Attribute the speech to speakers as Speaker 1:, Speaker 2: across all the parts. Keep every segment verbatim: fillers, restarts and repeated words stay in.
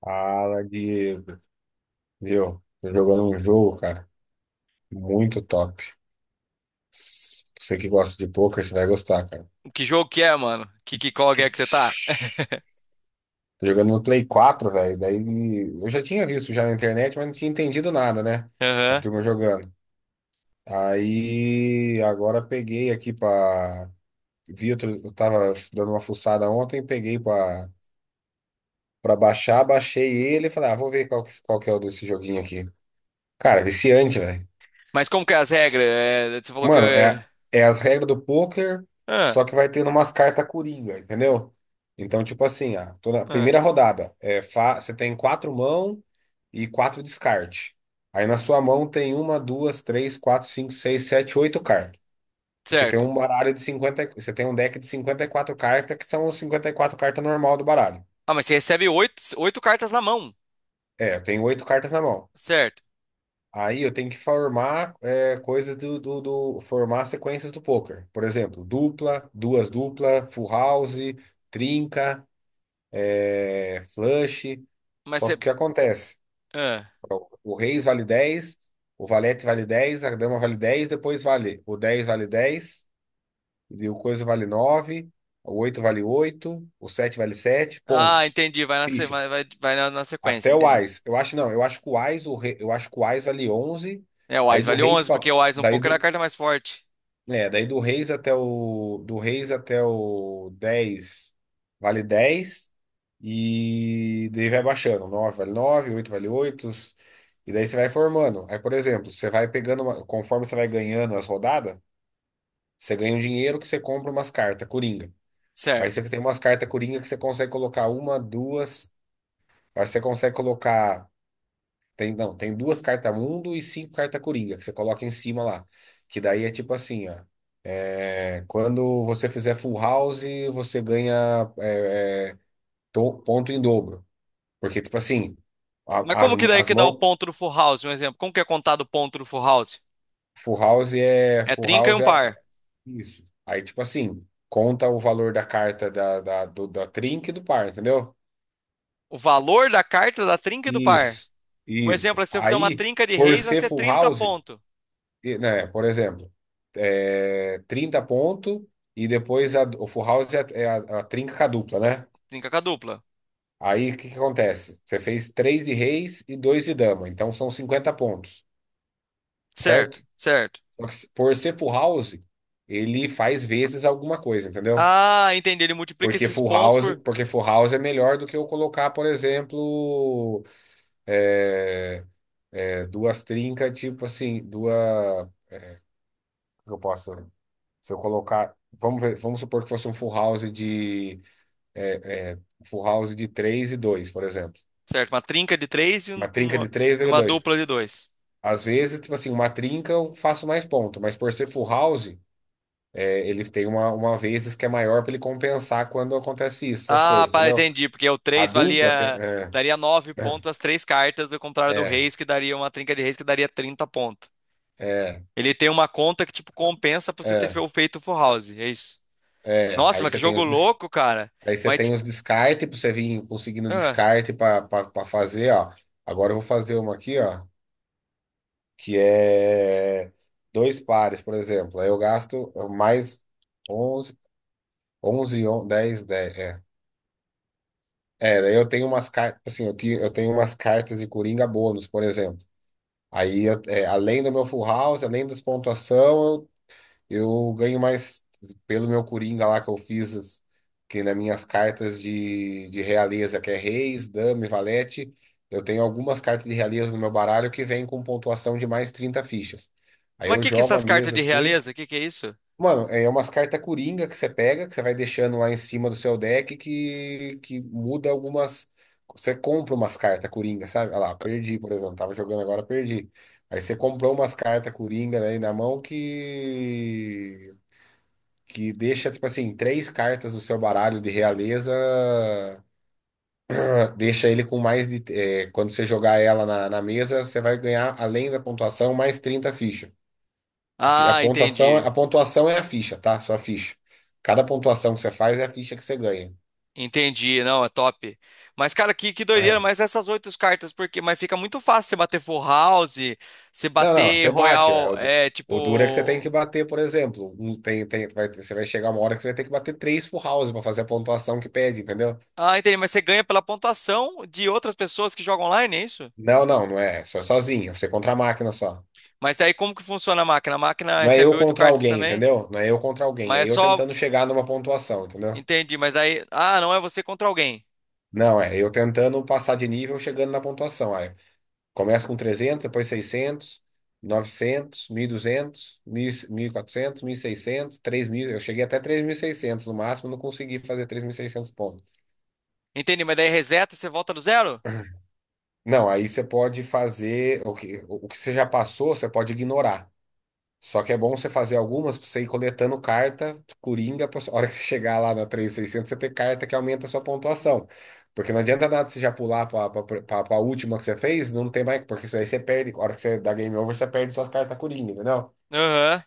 Speaker 1: Fala, Diego. Viu? Tô jogando um jogo, cara, muito top. Você que gosta de poker, você vai gostar, cara.
Speaker 2: Que jogo que é, mano? Que, que qual é que você tá?
Speaker 1: Tô jogando no Play quatro, velho. Daí eu já tinha visto já na internet, mas não tinha entendido nada, né? A
Speaker 2: Aham.
Speaker 1: turma jogando. Aí agora peguei aqui pra. Vi, outro- eu tava dando uma fuçada ontem, peguei pra, pra, baixar, baixei ele e falei, ah, vou ver qual que, qual que é o desse joguinho aqui. Cara, viciante, velho.
Speaker 2: Mas como que é as regras? É, você falou que.
Speaker 1: Mano,
Speaker 2: é-
Speaker 1: é, é as regras do poker,
Speaker 2: Ah,
Speaker 1: só que vai tendo umas cartas coringa, entendeu? Então, tipo assim, a, toda, a
Speaker 2: ah,
Speaker 1: primeira rodada, é, fa- você tem quatro mãos e quatro descarte. Aí na sua mão tem uma, duas, três, quatro, cinco, seis, sete, oito cartas. E você tem
Speaker 2: certo.
Speaker 1: um baralho de cinquenta, e- você tem um deck de cinquenta e quatro cartas, que são os cinquenta e quatro cartas normal do baralho.
Speaker 2: Ah, mas você recebe oito, oito cartas na mão.
Speaker 1: É, eu tenho oito cartas na mão.
Speaker 2: Certo.
Speaker 1: Aí eu tenho que formar é, coisas do, do, do- formar sequências do poker. Por exemplo, dupla, duas dupla, full house, trinca, é, flush.
Speaker 2: Mas
Speaker 1: Só que
Speaker 2: você.
Speaker 1: o que acontece?
Speaker 2: Ah,
Speaker 1: O reis vale dez, o valete vale dez, a dama vale dez, depois vale o dez vale dez, e o coisa vale nove, o oito vale oito, o sete vale sete
Speaker 2: Ah,
Speaker 1: pontos.
Speaker 2: entendi. Vai na, se- vai,
Speaker 1: Fichas.
Speaker 2: vai, vai na, na sequência,
Speaker 1: Até o
Speaker 2: entendi.
Speaker 1: ás. Eu acho não, eu acho que o ás, o rei, eu acho que o ás vale onze.
Speaker 2: É, o
Speaker 1: Aí
Speaker 2: Ás
Speaker 1: do
Speaker 2: vale
Speaker 1: reis
Speaker 2: onze
Speaker 1: para
Speaker 2: porque o Ás no
Speaker 1: Daí
Speaker 2: poker é a
Speaker 1: do,
Speaker 2: carta mais forte.
Speaker 1: É, daí do Reis até o Do Reis até o dez vale dez, e daí vai baixando, nove vale nove, oito vale oito, e daí você vai formando. Aí, por exemplo, você vai pegando uma- conforme você vai ganhando as rodadas, você ganha um dinheiro que você compra umas cartas coringa. Aí
Speaker 2: Certo.
Speaker 1: você tem umas cartas coringa que você consegue colocar uma, duas, aí você consegue colocar tem não, tem duas cartas mundo e cinco cartas coringa que você coloca em cima lá, que daí é tipo assim, ó. É, quando você fizer full house, você ganha é, é, to- ponto em dobro. Porque, tipo assim,
Speaker 2: Mas
Speaker 1: a- as,
Speaker 2: como que daí
Speaker 1: as
Speaker 2: que dá o
Speaker 1: mãos.
Speaker 2: ponto do full house? Um exemplo. Como que é contado o ponto do full house?
Speaker 1: Full house é.
Speaker 2: É
Speaker 1: Full
Speaker 2: trinca e um
Speaker 1: house é
Speaker 2: par.
Speaker 1: é isso. Aí, tipo assim, conta o valor da carta da, da, do, da trinca e do par, entendeu?
Speaker 2: O valor da carta é da trinca e do par.
Speaker 1: Isso.
Speaker 2: Um exemplo,
Speaker 1: Isso.
Speaker 2: é se eu fizer uma
Speaker 1: Aí,
Speaker 2: trinca de
Speaker 1: por
Speaker 2: reis, vai
Speaker 1: ser
Speaker 2: ser
Speaker 1: full
Speaker 2: trinta
Speaker 1: house,
Speaker 2: pontos.
Speaker 1: e, né, por exemplo, é, trinta pontos. E depois a- o full house é, a, é a, a trinca com a dupla, né?
Speaker 2: Trinca a dupla.
Speaker 1: Aí o que que acontece? Você fez três de reis e dois de dama, então são cinquenta pontos,
Speaker 2: Certo,
Speaker 1: certo?
Speaker 2: certo.
Speaker 1: Só que se- por ser full house, ele faz vezes alguma coisa, entendeu?
Speaker 2: Ah, entendi. Ele multiplica
Speaker 1: Porque
Speaker 2: esses
Speaker 1: full
Speaker 2: pontos
Speaker 1: house,
Speaker 2: por.
Speaker 1: porque full house é melhor do que eu colocar, por exemplo, é, é, duas trincas, tipo assim, duas. Como que eu posso. Se eu colocar. Vamos ver- vamos supor que fosse um full house de. é, é, full house de três e dois, por exemplo.
Speaker 2: Certo, uma trinca de três e
Speaker 1: Uma
Speaker 2: um-
Speaker 1: trinca
Speaker 2: uma,
Speaker 1: de três e
Speaker 2: uma
Speaker 1: dois.
Speaker 2: dupla de dois.
Speaker 1: Às vezes, tipo assim, uma trinca eu faço mais ponto, mas por ser full house, é, ele tem uma, uma vezes que é maior para ele compensar quando acontece isso, essas
Speaker 2: Ah,
Speaker 1: coisas,
Speaker 2: pá,
Speaker 1: entendeu?
Speaker 2: entendi. Porque o
Speaker 1: A
Speaker 2: três
Speaker 1: dupla tem.
Speaker 2: valia.
Speaker 1: é,
Speaker 2: Daria nove
Speaker 1: né?
Speaker 2: pontos as três cartas, ao contrário do
Speaker 1: é,
Speaker 2: Reis, que daria uma trinca de Reis que daria trinta pontos.
Speaker 1: é,
Speaker 2: Ele tem uma conta que, tipo, compensa pra você ter
Speaker 1: é,
Speaker 2: fe- feito o Full House. É isso.
Speaker 1: é.
Speaker 2: Nossa,
Speaker 1: Aí
Speaker 2: mas
Speaker 1: você
Speaker 2: que
Speaker 1: tem
Speaker 2: jogo
Speaker 1: os des-
Speaker 2: louco, cara.
Speaker 1: aí você
Speaker 2: Mas.
Speaker 1: tem
Speaker 2: ti-
Speaker 1: os descarte para você vir conseguindo
Speaker 2: Ah,
Speaker 1: descarte para fazer, ó. Agora eu vou fazer uma aqui, ó, que é dois pares, por exemplo. Aí eu gasto mais onze, onze, dez, dez, é. É, daí eu tenho umas cartas, assim, eu, ti- eu tenho umas cartas de Coringa bônus, por exemplo. Aí, eu- é, além do meu full house, além das pontuação, eu, eu ganho mais pelo meu Coringa lá que eu fiz, as- que nas minhas cartas de, de realeza, que é Reis, Dama e Valete. Eu tenho algumas cartas de realeza no meu baralho que vêm com pontuação de mais trinta fichas. Aí
Speaker 2: mas
Speaker 1: eu
Speaker 2: que que
Speaker 1: jogo a
Speaker 2: essas cartas
Speaker 1: mesa
Speaker 2: de
Speaker 1: assim.
Speaker 2: realeza? Que que é isso?
Speaker 1: Mano, é é umas cartas coringa que você pega, que você vai deixando lá em cima do seu deck, que, que muda algumas. Você compra umas cartas coringa, sabe? Olha lá, perdi, por exemplo. Tava jogando agora, perdi. Aí você comprou umas cartas coringa aí na mão que. Que deixa, tipo assim, três cartas do seu baralho de realeza. Deixa ele com mais de. É, quando você jogar ela na, na mesa, você vai ganhar, além da pontuação, mais trinta fichas. A fi- a
Speaker 2: Ah,
Speaker 1: pontuação,
Speaker 2: entendi.
Speaker 1: a pontuação é a ficha, tá? Sua ficha. Cada pontuação que você faz é a ficha que você ganha.
Speaker 2: Entendi, não, é top. Mas, cara, que, que doideira, mas essas oito cartas, porque, mas fica muito fácil você bater Full House, você
Speaker 1: Não, não,
Speaker 2: bater
Speaker 1: você bate. É
Speaker 2: Royal,
Speaker 1: o, du-
Speaker 2: é,
Speaker 1: o duro é que você tem que
Speaker 2: tipo...
Speaker 1: bater, por exemplo. Um- tem, tem, vai- você vai chegar uma hora que você vai ter que bater três full house para fazer a pontuação que pede, entendeu?
Speaker 2: Ah, entendi, mas você ganha pela pontuação de outras pessoas que jogam online, é isso?
Speaker 1: Não, não, não é. Só sozinho, você contra a máquina só.
Speaker 2: Mas aí como que funciona a máquina? A máquina
Speaker 1: Não é
Speaker 2: recebe
Speaker 1: eu
Speaker 2: oito
Speaker 1: contra
Speaker 2: cartas
Speaker 1: alguém,
Speaker 2: também,
Speaker 1: entendeu? Não é eu contra alguém,
Speaker 2: mas
Speaker 1: é
Speaker 2: é
Speaker 1: eu
Speaker 2: só...
Speaker 1: tentando chegar numa pontuação, entendeu?
Speaker 2: Entendi, mas aí... Ah, não é você contra alguém.
Speaker 1: Não, é eu tentando passar de nível chegando na pontuação. Começa com trezentos, depois seiscentos, novecentos, mil e duzentos, mil, seiscentos, três mil. Eu cheguei até três mil e seiscentos no máximo, não consegui fazer três mil e seiscentos pontos.
Speaker 2: Entendi, mas daí reseta, você volta do zero?
Speaker 1: Não, aí você pode fazer o que, o que você já passou, você pode ignorar. Só que é bom você fazer algumas para você ir coletando carta coringa para a hora que você chegar lá na três mil e seiscentos você ter carta que aumenta a sua pontuação. Porque não adianta nada você já pular para a última que você fez, não tem mais, porque isso aí você perde. A hora que você dá game over, você perde suas cartas coringa, entendeu?
Speaker 2: Aham.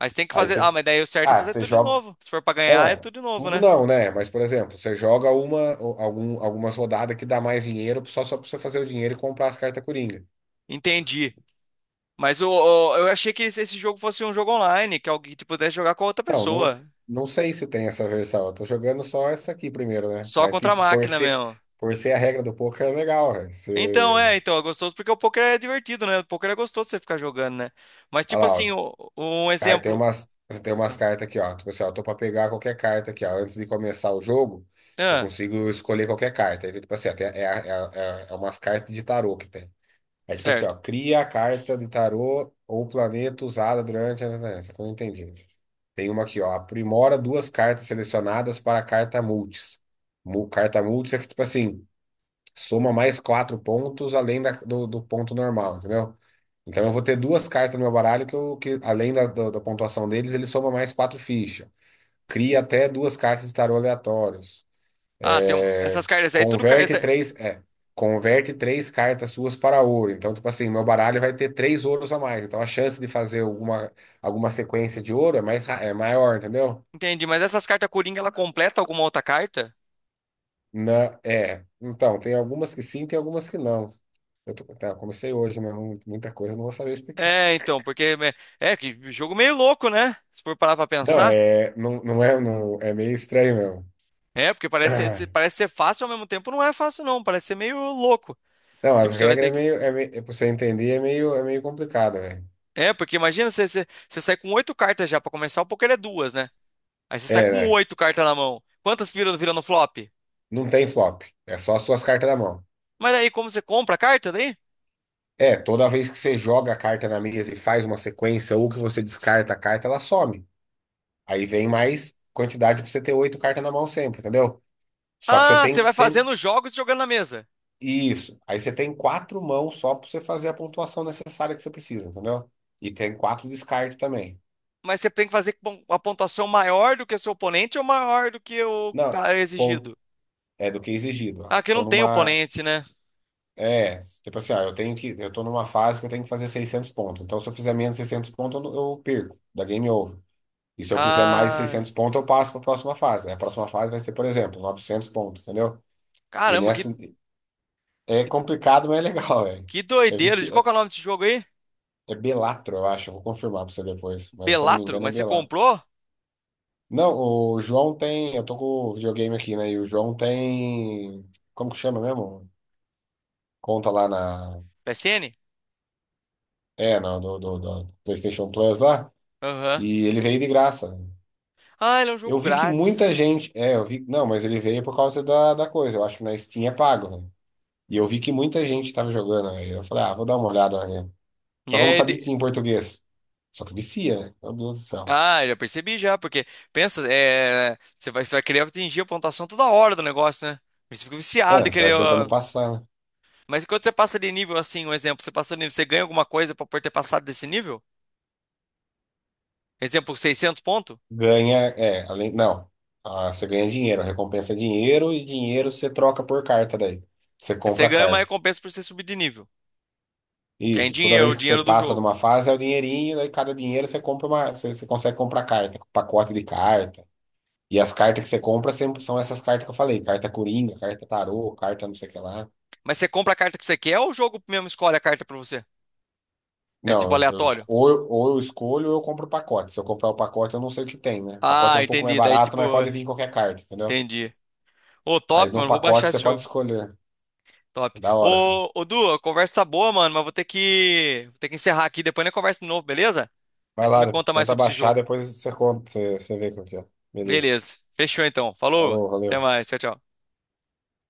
Speaker 2: Mas tem que
Speaker 1: Aí
Speaker 2: fazer...
Speaker 1: você.
Speaker 2: Ah, mas daí o certo é
Speaker 1: Ah,
Speaker 2: fazer
Speaker 1: você
Speaker 2: tudo de
Speaker 1: joga.
Speaker 2: novo. Se for pra
Speaker 1: É, não,
Speaker 2: ganhar, é
Speaker 1: é,
Speaker 2: tudo de novo,
Speaker 1: tudo
Speaker 2: né?
Speaker 1: não, né? Mas, por exemplo, você joga uma, ou algum, algumas rodadas que dá mais dinheiro só, só pra você fazer o dinheiro e comprar as cartas Coringa.
Speaker 2: Entendi. Mas o, o- eu achei que esse esse jogo fosse um jogo online, que alguém que pudesse jogar com outra
Speaker 1: Então, não,
Speaker 2: pessoa.
Speaker 1: não sei se tem essa versão. Eu tô jogando só essa aqui primeiro, né?
Speaker 2: Só
Speaker 1: Mas,
Speaker 2: contra a
Speaker 1: tipo, por
Speaker 2: máquina
Speaker 1: ser,
Speaker 2: mesmo.
Speaker 1: por ser a regra do poker é legal, velho.
Speaker 2: Então, é,
Speaker 1: Você.
Speaker 2: então, é gostoso porque o poker é divertido, né? O poker é gostoso você ficar jogando, né? Mas, tipo
Speaker 1: Olha lá,
Speaker 2: assim,
Speaker 1: ó.
Speaker 2: o- um
Speaker 1: Aí tem
Speaker 2: exemplo.
Speaker 1: umas, tem umas
Speaker 2: Ah,
Speaker 1: cartas aqui, ó. Tipo assim, ó, tô pra pegar qualquer carta aqui, ó. Antes de começar o jogo, eu
Speaker 2: ah,
Speaker 1: consigo escolher qualquer carta. Aí, tipo assim, ó, tem- é, é, é, é umas cartas de tarô que tem. É tipo assim, ó,
Speaker 2: certo.
Speaker 1: cria a carta de tarô ou planeta usada durante a. Essa que eu não entendi. Tem uma aqui, ó, aprimora duas cartas selecionadas para a carta multis. Mu- Carta multis é que, tipo assim, soma mais quatro pontos além da- do, do ponto normal, entendeu? Então eu vou ter duas cartas no meu baralho que, eu, que além da, do- da pontuação deles, ele soma mais quatro fichas. Cria até duas cartas de tarô aleatórios.
Speaker 2: Ah, tem um-
Speaker 1: É,
Speaker 2: essas cartas aí, tudo. ca-
Speaker 1: converte
Speaker 2: essa-
Speaker 1: três, é, converte três cartas suas para ouro. Então, tipo assim, meu baralho vai ter três ouros a mais. Então, a chance de fazer alguma, alguma sequência de ouro é mais, ra- é maior, entendeu?
Speaker 2: Entendi, mas essas cartas Coringa, ela completa alguma outra carta?
Speaker 1: Na, é. Então, tem algumas que sim, tem algumas que não. Eu tô, tá, eu comecei hoje, né? Não. Muita coisa eu não vou saber explicar.
Speaker 2: É, então, porque. me- É, que jogo meio louco, né? Se for parar pra
Speaker 1: Não,
Speaker 2: pensar.
Speaker 1: é, não, não é, não, é meio estranho mesmo.
Speaker 2: É, porque parece, ser- parece ser fácil ao mesmo tempo, não é fácil, não. Parece ser meio louco.
Speaker 1: Não, as
Speaker 2: Tipo, você vai
Speaker 1: regras é
Speaker 2: ter que.
Speaker 1: meio, é meio, pra você entender, é meio, é meio complicado, velho.
Speaker 2: É, porque imagina você, você, você sai com oito cartas já. Pra começar, o poker é duas, né? Aí você sai
Speaker 1: É,
Speaker 2: com
Speaker 1: né?
Speaker 2: oito cartas na mão. Quantas viram, viram no flop?
Speaker 1: Não tem flop. É só as suas cartas na mão.
Speaker 2: Mas aí, como você compra a carta daí?
Speaker 1: É, toda vez que você joga a carta na mesa e faz uma sequência, ou que você descarta a carta, ela some. Aí vem mais quantidade pra você ter oito cartas na mão sempre, entendeu? Só que você
Speaker 2: Ah, você
Speaker 1: tem
Speaker 2: vai
Speaker 1: sempre.
Speaker 2: fazendo os jogos e jogando na mesa.
Speaker 1: Isso. Aí você tem quatro mãos só pra você fazer a pontuação necessária que você precisa, entendeu? E tem quatro descartes também.
Speaker 2: Mas você tem que fazer com a pontuação maior do que o seu oponente ou maior do que o que
Speaker 1: Não,
Speaker 2: tá
Speaker 1: ponto.
Speaker 2: exigido.
Speaker 1: É do que é exigido. Ó,
Speaker 2: Ah, que
Speaker 1: tô
Speaker 2: não tem
Speaker 1: numa.
Speaker 2: oponente, né?
Speaker 1: É, tipo assim, ó, eu tenho que. Eu tô numa fase que eu tenho que fazer seiscentos pontos. Então, se eu fizer menos de seiscentos pontos, eu, não- eu perco. Da game over. E se eu fizer mais
Speaker 2: Ah,
Speaker 1: seiscentos pontos, eu passo para a próxima fase. Aí a próxima fase vai ser, por exemplo, novecentos pontos, entendeu? E
Speaker 2: caramba,
Speaker 1: nessa
Speaker 2: que,
Speaker 1: é
Speaker 2: que,
Speaker 1: complicado, mas é legal, velho.
Speaker 2: que
Speaker 1: É,
Speaker 2: doideira. De
Speaker 1: vici...
Speaker 2: qual
Speaker 1: é
Speaker 2: que é o nome desse jogo aí?
Speaker 1: é Belatro, eu acho. Eu vou confirmar para você depois. Mas se eu não me
Speaker 2: Belatro?
Speaker 1: engano, é
Speaker 2: Mas você
Speaker 1: Belatro.
Speaker 2: comprou?
Speaker 1: Não, o João tem. Eu tô com o videogame aqui, né? E o João tem. Como que chama mesmo? Conta lá na.
Speaker 2: P S N?
Speaker 1: É, não, do, do, do PlayStation Plus lá.
Speaker 2: Aham.
Speaker 1: E ele veio de graça.
Speaker 2: Ah, ele é um jogo
Speaker 1: Eu vi que
Speaker 2: grátis.
Speaker 1: muita gente. É, eu vi. Não, mas ele veio por causa da, da coisa. Eu acho que na Steam é pago, né? E eu vi que muita gente estava jogando. Aí eu falei, ah, vou dar uma olhada, né?
Speaker 2: E
Speaker 1: Só que eu não
Speaker 2: aí,
Speaker 1: sabia que
Speaker 2: ele-
Speaker 1: tinha em português. Só que vicia, né? Meu Deus do céu.
Speaker 2: Ah, já percebi já, porque pensa, é, você vai, você vai querer atingir a pontuação toda hora do negócio, né? Você fica
Speaker 1: É,
Speaker 2: viciado em
Speaker 1: você
Speaker 2: querer.
Speaker 1: vai tentando
Speaker 2: Ó.
Speaker 1: passar, né?
Speaker 2: Mas quando você passa de nível assim, um exemplo, você passou de nível, você ganha alguma coisa pra- por ter passado desse nível? Exemplo, seiscentos pontos?
Speaker 1: Ganha, é, além, não. Ah, você ganha dinheiro, a recompensa é dinheiro e dinheiro você troca por carta daí. Você
Speaker 2: Aí você
Speaker 1: compra a
Speaker 2: ganha uma
Speaker 1: carta.
Speaker 2: recompensa por você subir de nível. Que é em
Speaker 1: Isso, toda
Speaker 2: dinheiro, o
Speaker 1: vez que você
Speaker 2: dinheiro do
Speaker 1: passa de
Speaker 2: jogo.
Speaker 1: uma fase é o dinheirinho, daí cada dinheiro você compra uma, você, você consegue comprar carta, pacote de carta. E as cartas que você compra sempre são essas cartas que eu falei, carta coringa, carta tarô, carta não sei o que lá.
Speaker 2: Mas você compra a carta que você quer ou o jogo mesmo escolhe a carta pra você? É tipo
Speaker 1: Não, eu, es-
Speaker 2: aleatório?
Speaker 1: ou, eu, ou eu escolho ou eu compro o pacote. Se eu comprar o pacote, eu não sei o que tem, né? O pacote
Speaker 2: Ah,
Speaker 1: é um pouco mais
Speaker 2: entendi. Daí
Speaker 1: barato, mas
Speaker 2: tipo,
Speaker 1: pode vir qualquer carta, entendeu?
Speaker 2: entendi. Ô,
Speaker 1: Aí
Speaker 2: top,
Speaker 1: no
Speaker 2: mano, vou
Speaker 1: pacote
Speaker 2: baixar
Speaker 1: você
Speaker 2: esse
Speaker 1: pode
Speaker 2: jogo.
Speaker 1: escolher.
Speaker 2: Top.
Speaker 1: É da hora, cara.
Speaker 2: Ô, ô Du, a conversa tá boa, mano, mas vou ter que, vou ter que encerrar aqui. Depois a conversa de novo, beleza? Aí
Speaker 1: Vai
Speaker 2: você me
Speaker 1: lá,
Speaker 2: conta mais
Speaker 1: tenta
Speaker 2: sobre esse
Speaker 1: baixar,
Speaker 2: jogo.
Speaker 1: depois você conta, você, você vê qual que é. Beleza.
Speaker 2: Beleza. Fechou então. Falou.
Speaker 1: Falou,
Speaker 2: Até
Speaker 1: valeu.
Speaker 2: mais. Tchau, tchau.